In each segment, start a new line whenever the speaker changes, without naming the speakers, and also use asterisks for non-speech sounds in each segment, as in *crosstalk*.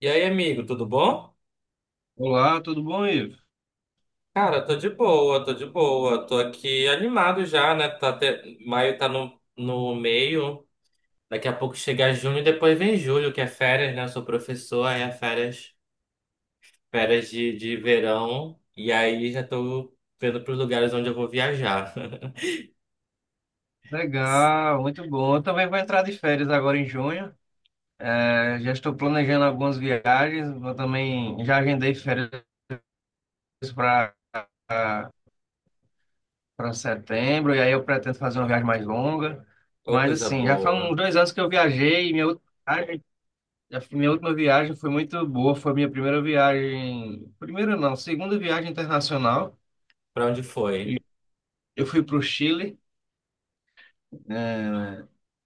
E aí, amigo, tudo bom?
Olá, tudo bom, Ivo?
Cara, tô de boa, tô de boa. Tô aqui animado já, né? Maio tá no meio. Daqui a pouco chega junho e depois vem julho, que é férias, né? Eu sou professor, aí é férias de verão. E aí já tô vendo pros lugares onde eu vou viajar. *laughs*
Legal, muito bom. Eu também vou entrar de férias agora em junho. É, já estou planejando algumas viagens. Vou também já agendei férias para para setembro e aí eu pretendo fazer uma viagem mais longa.
Ô,
Mas
coisa
assim, já faz uns
boa.
2 anos que eu viajei. Minha última viagem, a minha última viagem foi muito boa. Foi minha primeira viagem, primeira não, segunda viagem internacional.
Pra onde foi?
E Eu fui para o Chile.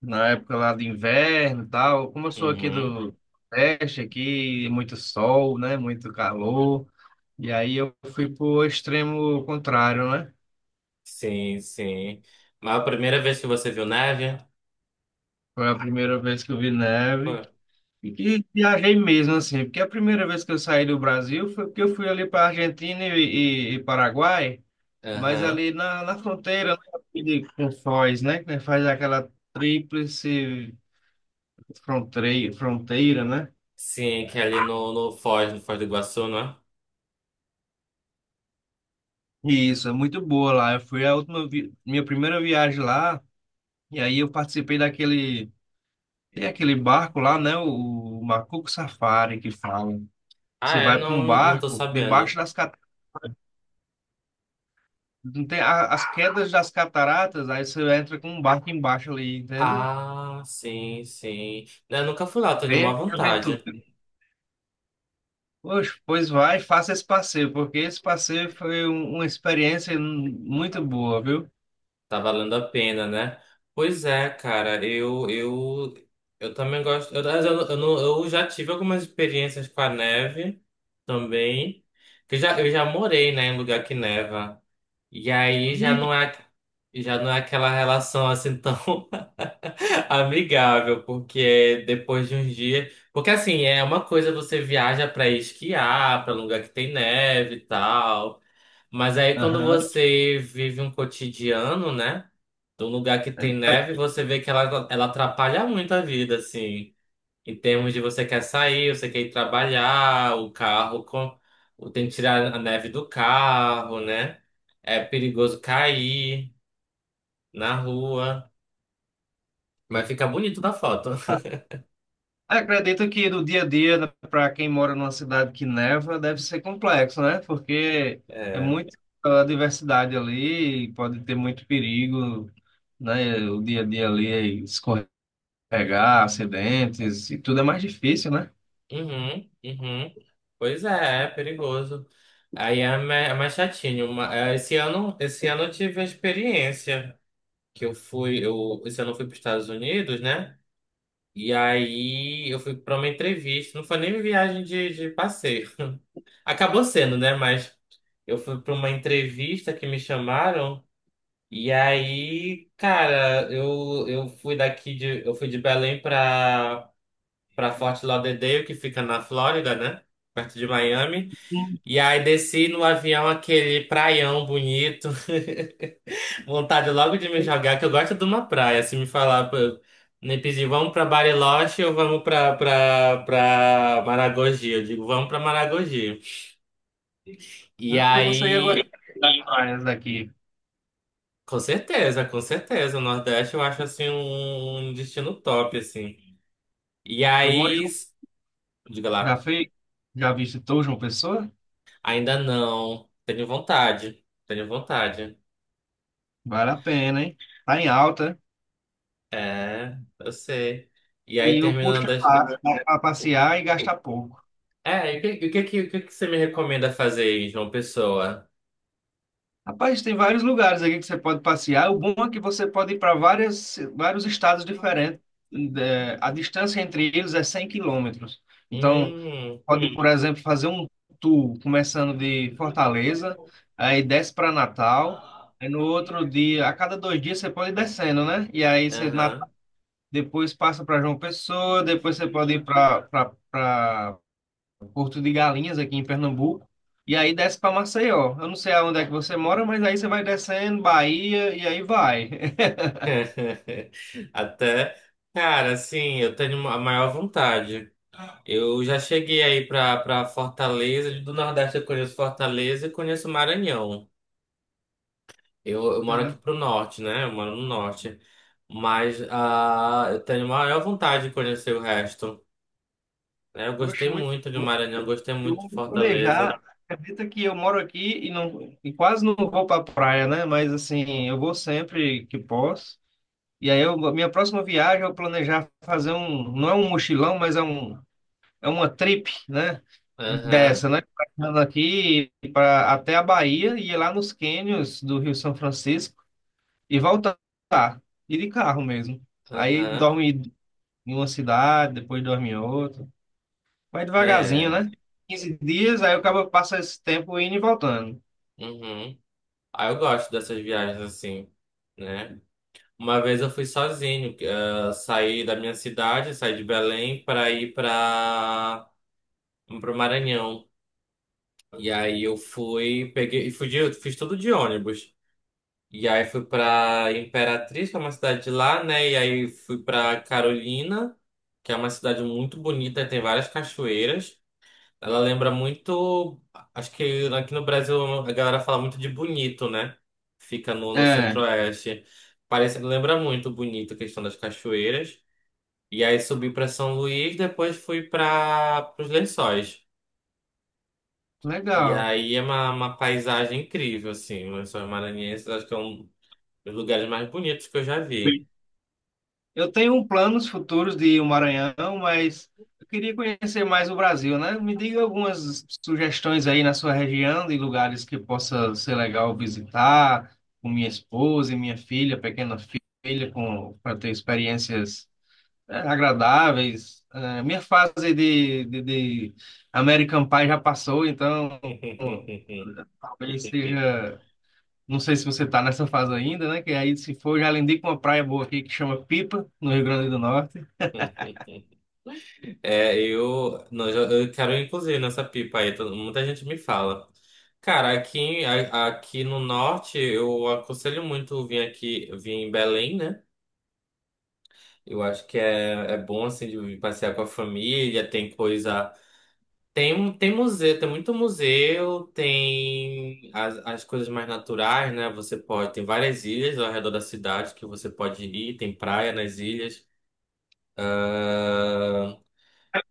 Na época lá de inverno e tal. Como eu sou aqui
Uhum.
do Nordeste, aqui, muito sol, né? Muito calor. E aí eu fui pro extremo contrário, né?
Sim, sim. Mas a primeira vez que você viu neve?
Foi a primeira vez que eu vi
Foi.
neve. E que viajei mesmo, assim, porque a primeira vez que eu saí do Brasil foi porque eu fui ali para Argentina e Paraguai, mas
Aham.
ali na fronteira, né, com Foz, né? Que faz aquela tríplice fronteira, né?
Sim, que é ali no Foz do Iguaçu, não é?
Isso, é muito boa lá. Eu fui a última vi- minha primeira viagem lá, e aí eu participei daquele, tem aquele barco lá, né, o Macuco Safari que fala.
Ah,
Você
é?
vai para um
Não, não tô
barco debaixo
sabendo.
das cat- não tem as quedas das cataratas, aí você entra com um barco embaixo ali, entende?
Ah, sim, sim. Eu nunca fui lá, tô em uma
Bem aventura.
vontade.
Poxa, pois vai, faça esse passeio, porque esse passeio foi uma experiência muito boa, viu?
Tá valendo a pena, né? Pois é, cara, eu também gosto. Eu, não- Eu já tive algumas experiências com a neve também. Que eu já morei, né, em lugar que neva. E aí já
E,
não é, já não é aquela relação assim tão *laughs* amigável, porque é depois de uns dias. Porque assim, é uma coisa você viaja pra esquiar, pra lugar que tem neve e tal. Mas aí quando
aham.
você vive um cotidiano, né? De um lugar que tem neve, você vê que ela atrapalha muito a vida, assim. Em termos de você quer sair, você quer ir trabalhar, tem que tirar a neve do carro, né? É perigoso cair na rua. Mas fica bonito na foto. *laughs*
Acredito que no dia a dia, para quem mora numa cidade que neva, deve ser complexo, né? Porque é
É.
muita diversidade ali, e pode ter muito perigo, né? O dia a dia ali é escorregar, acidentes, e tudo é mais difícil, né?
Uhum, uhum. Pois é, é perigoso. Aí é mais chatinho. Esse ano, eu tive a experiência que esse ano eu fui para os Estados Unidos, né? E aí eu fui para uma entrevista. Não foi nem viagem de passeio. Acabou sendo, né? Mas eu fui para uma entrevista que me chamaram. E aí, cara, eu fui de Belém para Fort Lauderdale, que fica na Flórida, né? Perto de Miami.
Sim.
E aí desci no avião aquele praião bonito. *laughs* Vontade logo de me jogar, que eu gosto de uma praia. Se me falar, pô, me pedir, vamos pra Bariloche ou vamos pra Maragogi? Eu digo, vamos pra Maragogi. E
Então você ia agora
aí,
das praias daqui.
com certeza, com certeza. O Nordeste eu acho assim um destino top, assim. E
Eu moro em
aí,
João,
diga
já
lá,
fui, já visitou João Pessoa?
ainda não. Tenho vontade, tenho vontade.
Vale a pena, hein? Tá em alta
É, eu sei. E aí,
e o custo
terminando
é
as...
baixo, dá para
o-
passear e gastar pouco.
É, e o que que você me recomenda fazer em João Pessoa?
Rapaz, tem vários lugares aqui que você pode passear. O bom é que você pode ir para vários estados diferentes. A distância entre eles é 100 quilômetros. Então,
Hum,
pode, por exemplo, fazer um tour começando de Fortaleza, aí desce para Natal. Aí no outro dia, a cada 2 dias, você pode ir descendo, né?
aham.
Depois passa para João Pessoa, depois você pode ir para Porto de Galinhas, aqui em Pernambuco, e aí desce para Maceió. Eu não sei aonde é que você mora, mas aí você vai descendo, Bahia, e aí vai. *laughs*
*laughs* Até... Cara, assim, eu tenho a maior vontade. Eu já cheguei aí pra Fortaleza. Do Nordeste eu conheço Fortaleza e conheço Maranhão. Eu moro
Né?
aqui pro Norte, né? Eu moro no Norte. Mas eu tenho a maior vontade de conhecer o resto. É, eu
Oxe,
gostei
muito
muito de
bom.
Maranhão, gostei
Eu
muito de
vou me
Fortaleza.
planejar. Acredita que eu moro aqui e, não, e quase não vou para praia, né? Mas assim, eu vou sempre que posso. E aí, eu, minha próxima viagem, eu planejar fazer um, não é um mochilão, mas é um, é uma trip, né?
Aham,
Dessa, né? Passando aqui para até a Bahia e ir lá nos cânions do Rio São Francisco. E voltar e de carro mesmo. Aí
aham.
dorme em uma cidade, depois dorme em outra. Vai devagarzinho,
É.
né? 15 dias, aí o cara passa esse tempo indo e voltando.
Uhum. Ah, eu gosto dessas viagens assim, né? Uma vez eu fui sozinho, saí da minha cidade, saí de Belém para ir para o Maranhão. E aí eu fui, peguei, e fui de, fiz tudo de ônibus. E aí fui para Imperatriz, que é uma cidade de lá, né? E aí fui para Carolina, que é uma cidade muito bonita, tem várias cachoeiras. Ela lembra muito. Acho que aqui no Brasil a galera fala muito de Bonito, né? Fica no
É,
Centro-Oeste. Lembra muito Bonito a questão das cachoeiras. E aí subi para São Luís, depois fui para os Lençóis. E
legal.
aí é uma paisagem incrível, assim. Os Lençóis Maranhenses acho que é um dos lugares mais bonitos que eu já vi.
Bem, eu tenho um planos futuros de ir ao Maranhão, mas eu queria conhecer mais o Brasil, né? Me diga algumas sugestões aí na sua região de lugares que possa ser legal visitar, com minha esposa e minha filha, pequena filha, com para ter experiências é, agradáveis. É, minha fase de American Pie já passou, então
*laughs*
talvez seja. Não sei se você está nessa fase ainda, né? Que aí, se for, já lindei com uma praia boa aqui que chama Pipa, no Rio Grande do Norte.
É, eu quero inclusive nessa pipa aí, muita gente me fala. Cara, aqui, aqui no norte, eu aconselho muito vir aqui, vir em Belém, né? Eu acho que é bom, assim, de vir passear com a família, tem coisa... Tem museu, tem muito museu, tem as coisas mais naturais, né? Você pode... Tem várias ilhas ao redor da cidade que você pode ir, tem praia nas ilhas, ah,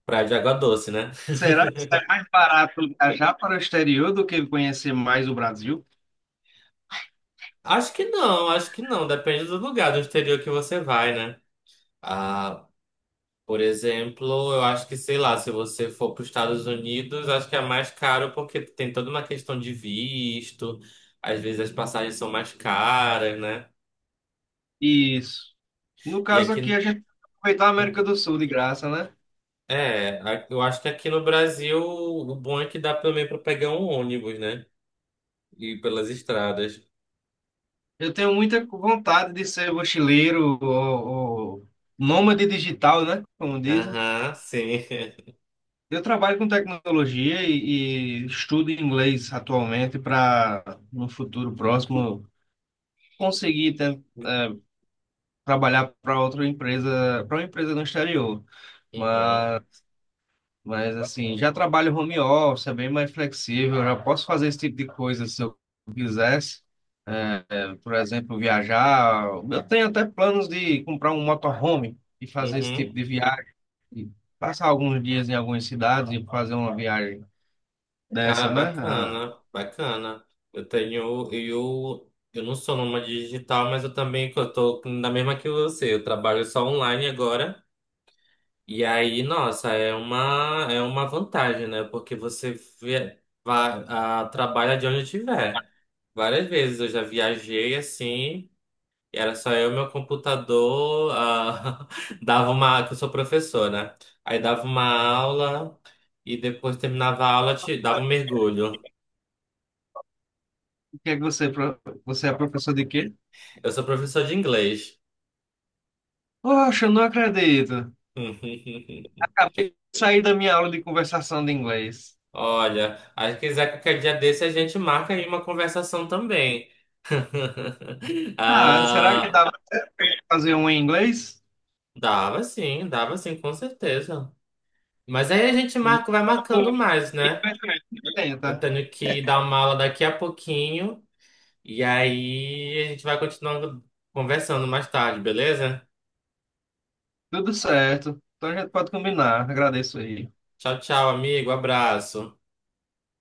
praia de água doce, né?
Será que é mais barato viajar para o exterior do que conhecer mais o Brasil?
Acho que não, acho que não. Depende do lugar do exterior que você vai, né? Ah, por exemplo, eu acho que, sei lá, se você for para os Estados Unidos, acho que é mais caro porque tem toda uma questão de visto. Às vezes as passagens são mais caras, né?
Isso. No
E
caso aqui, a
aqui.
gente aproveitar a América do Sul de graça, né?
É, eu acho que aqui no Brasil o bom é que dá também para pegar um ônibus, né? E ir pelas estradas.
Eu tenho muita vontade de ser mochileiro ou nômade digital, né? Como dizem.
Aham, sim.
Eu trabalho com tecnologia e estudo inglês atualmente para, no futuro próximo, conseguir ten- eh,
*laughs*
trabalhar para outra empresa, para uma empresa no exterior.
Uhum,
Mas, mas assim, já trabalho home office, é bem mais flexível, já posso fazer esse tipo de coisa se eu quisesse. Eh, por exemplo, viajar. Eu tenho até planos de comprar um motorhome e fazer esse
uhum.
tipo de viagem, passar alguns dias em algumas cidades e fazer uma viagem
Cara,
dessa, né? Ah,
bacana, bacana. Eu não sou nômade digital, mas eu também, eu tô na mesma que você, eu trabalho só online agora. E aí, nossa, é uma vantagem, né? Porque você trabalha de onde tiver. Várias vezes eu já viajei assim, e era só eu, meu computador, *laughs* dava uma, que eu sou professor, né? Aí dava uma aula e depois terminava a aula, dava um mergulho.
que é que você, é pro- você é professor de quê?
Eu sou professor de inglês.
Poxa, eu não acredito.
*laughs*
Acabei de sair da minha aula de conversação de inglês.
Olha, aí se quiser qualquer dia desse a gente marca aí uma conversação também. *laughs*
Ah, será que
Ah,
dá para fazer um em inglês?
dava sim, com certeza. Mas aí a gente marca, vai marcando
Não,
mais, né? Eu
tenta.
tenho que dar uma aula daqui a pouquinho e aí a gente vai continuando conversando mais tarde, beleza?
Tudo certo. Então a gente pode combinar. Agradeço aí.
Tchau, tchau, amigo, abraço.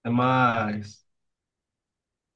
Até mais.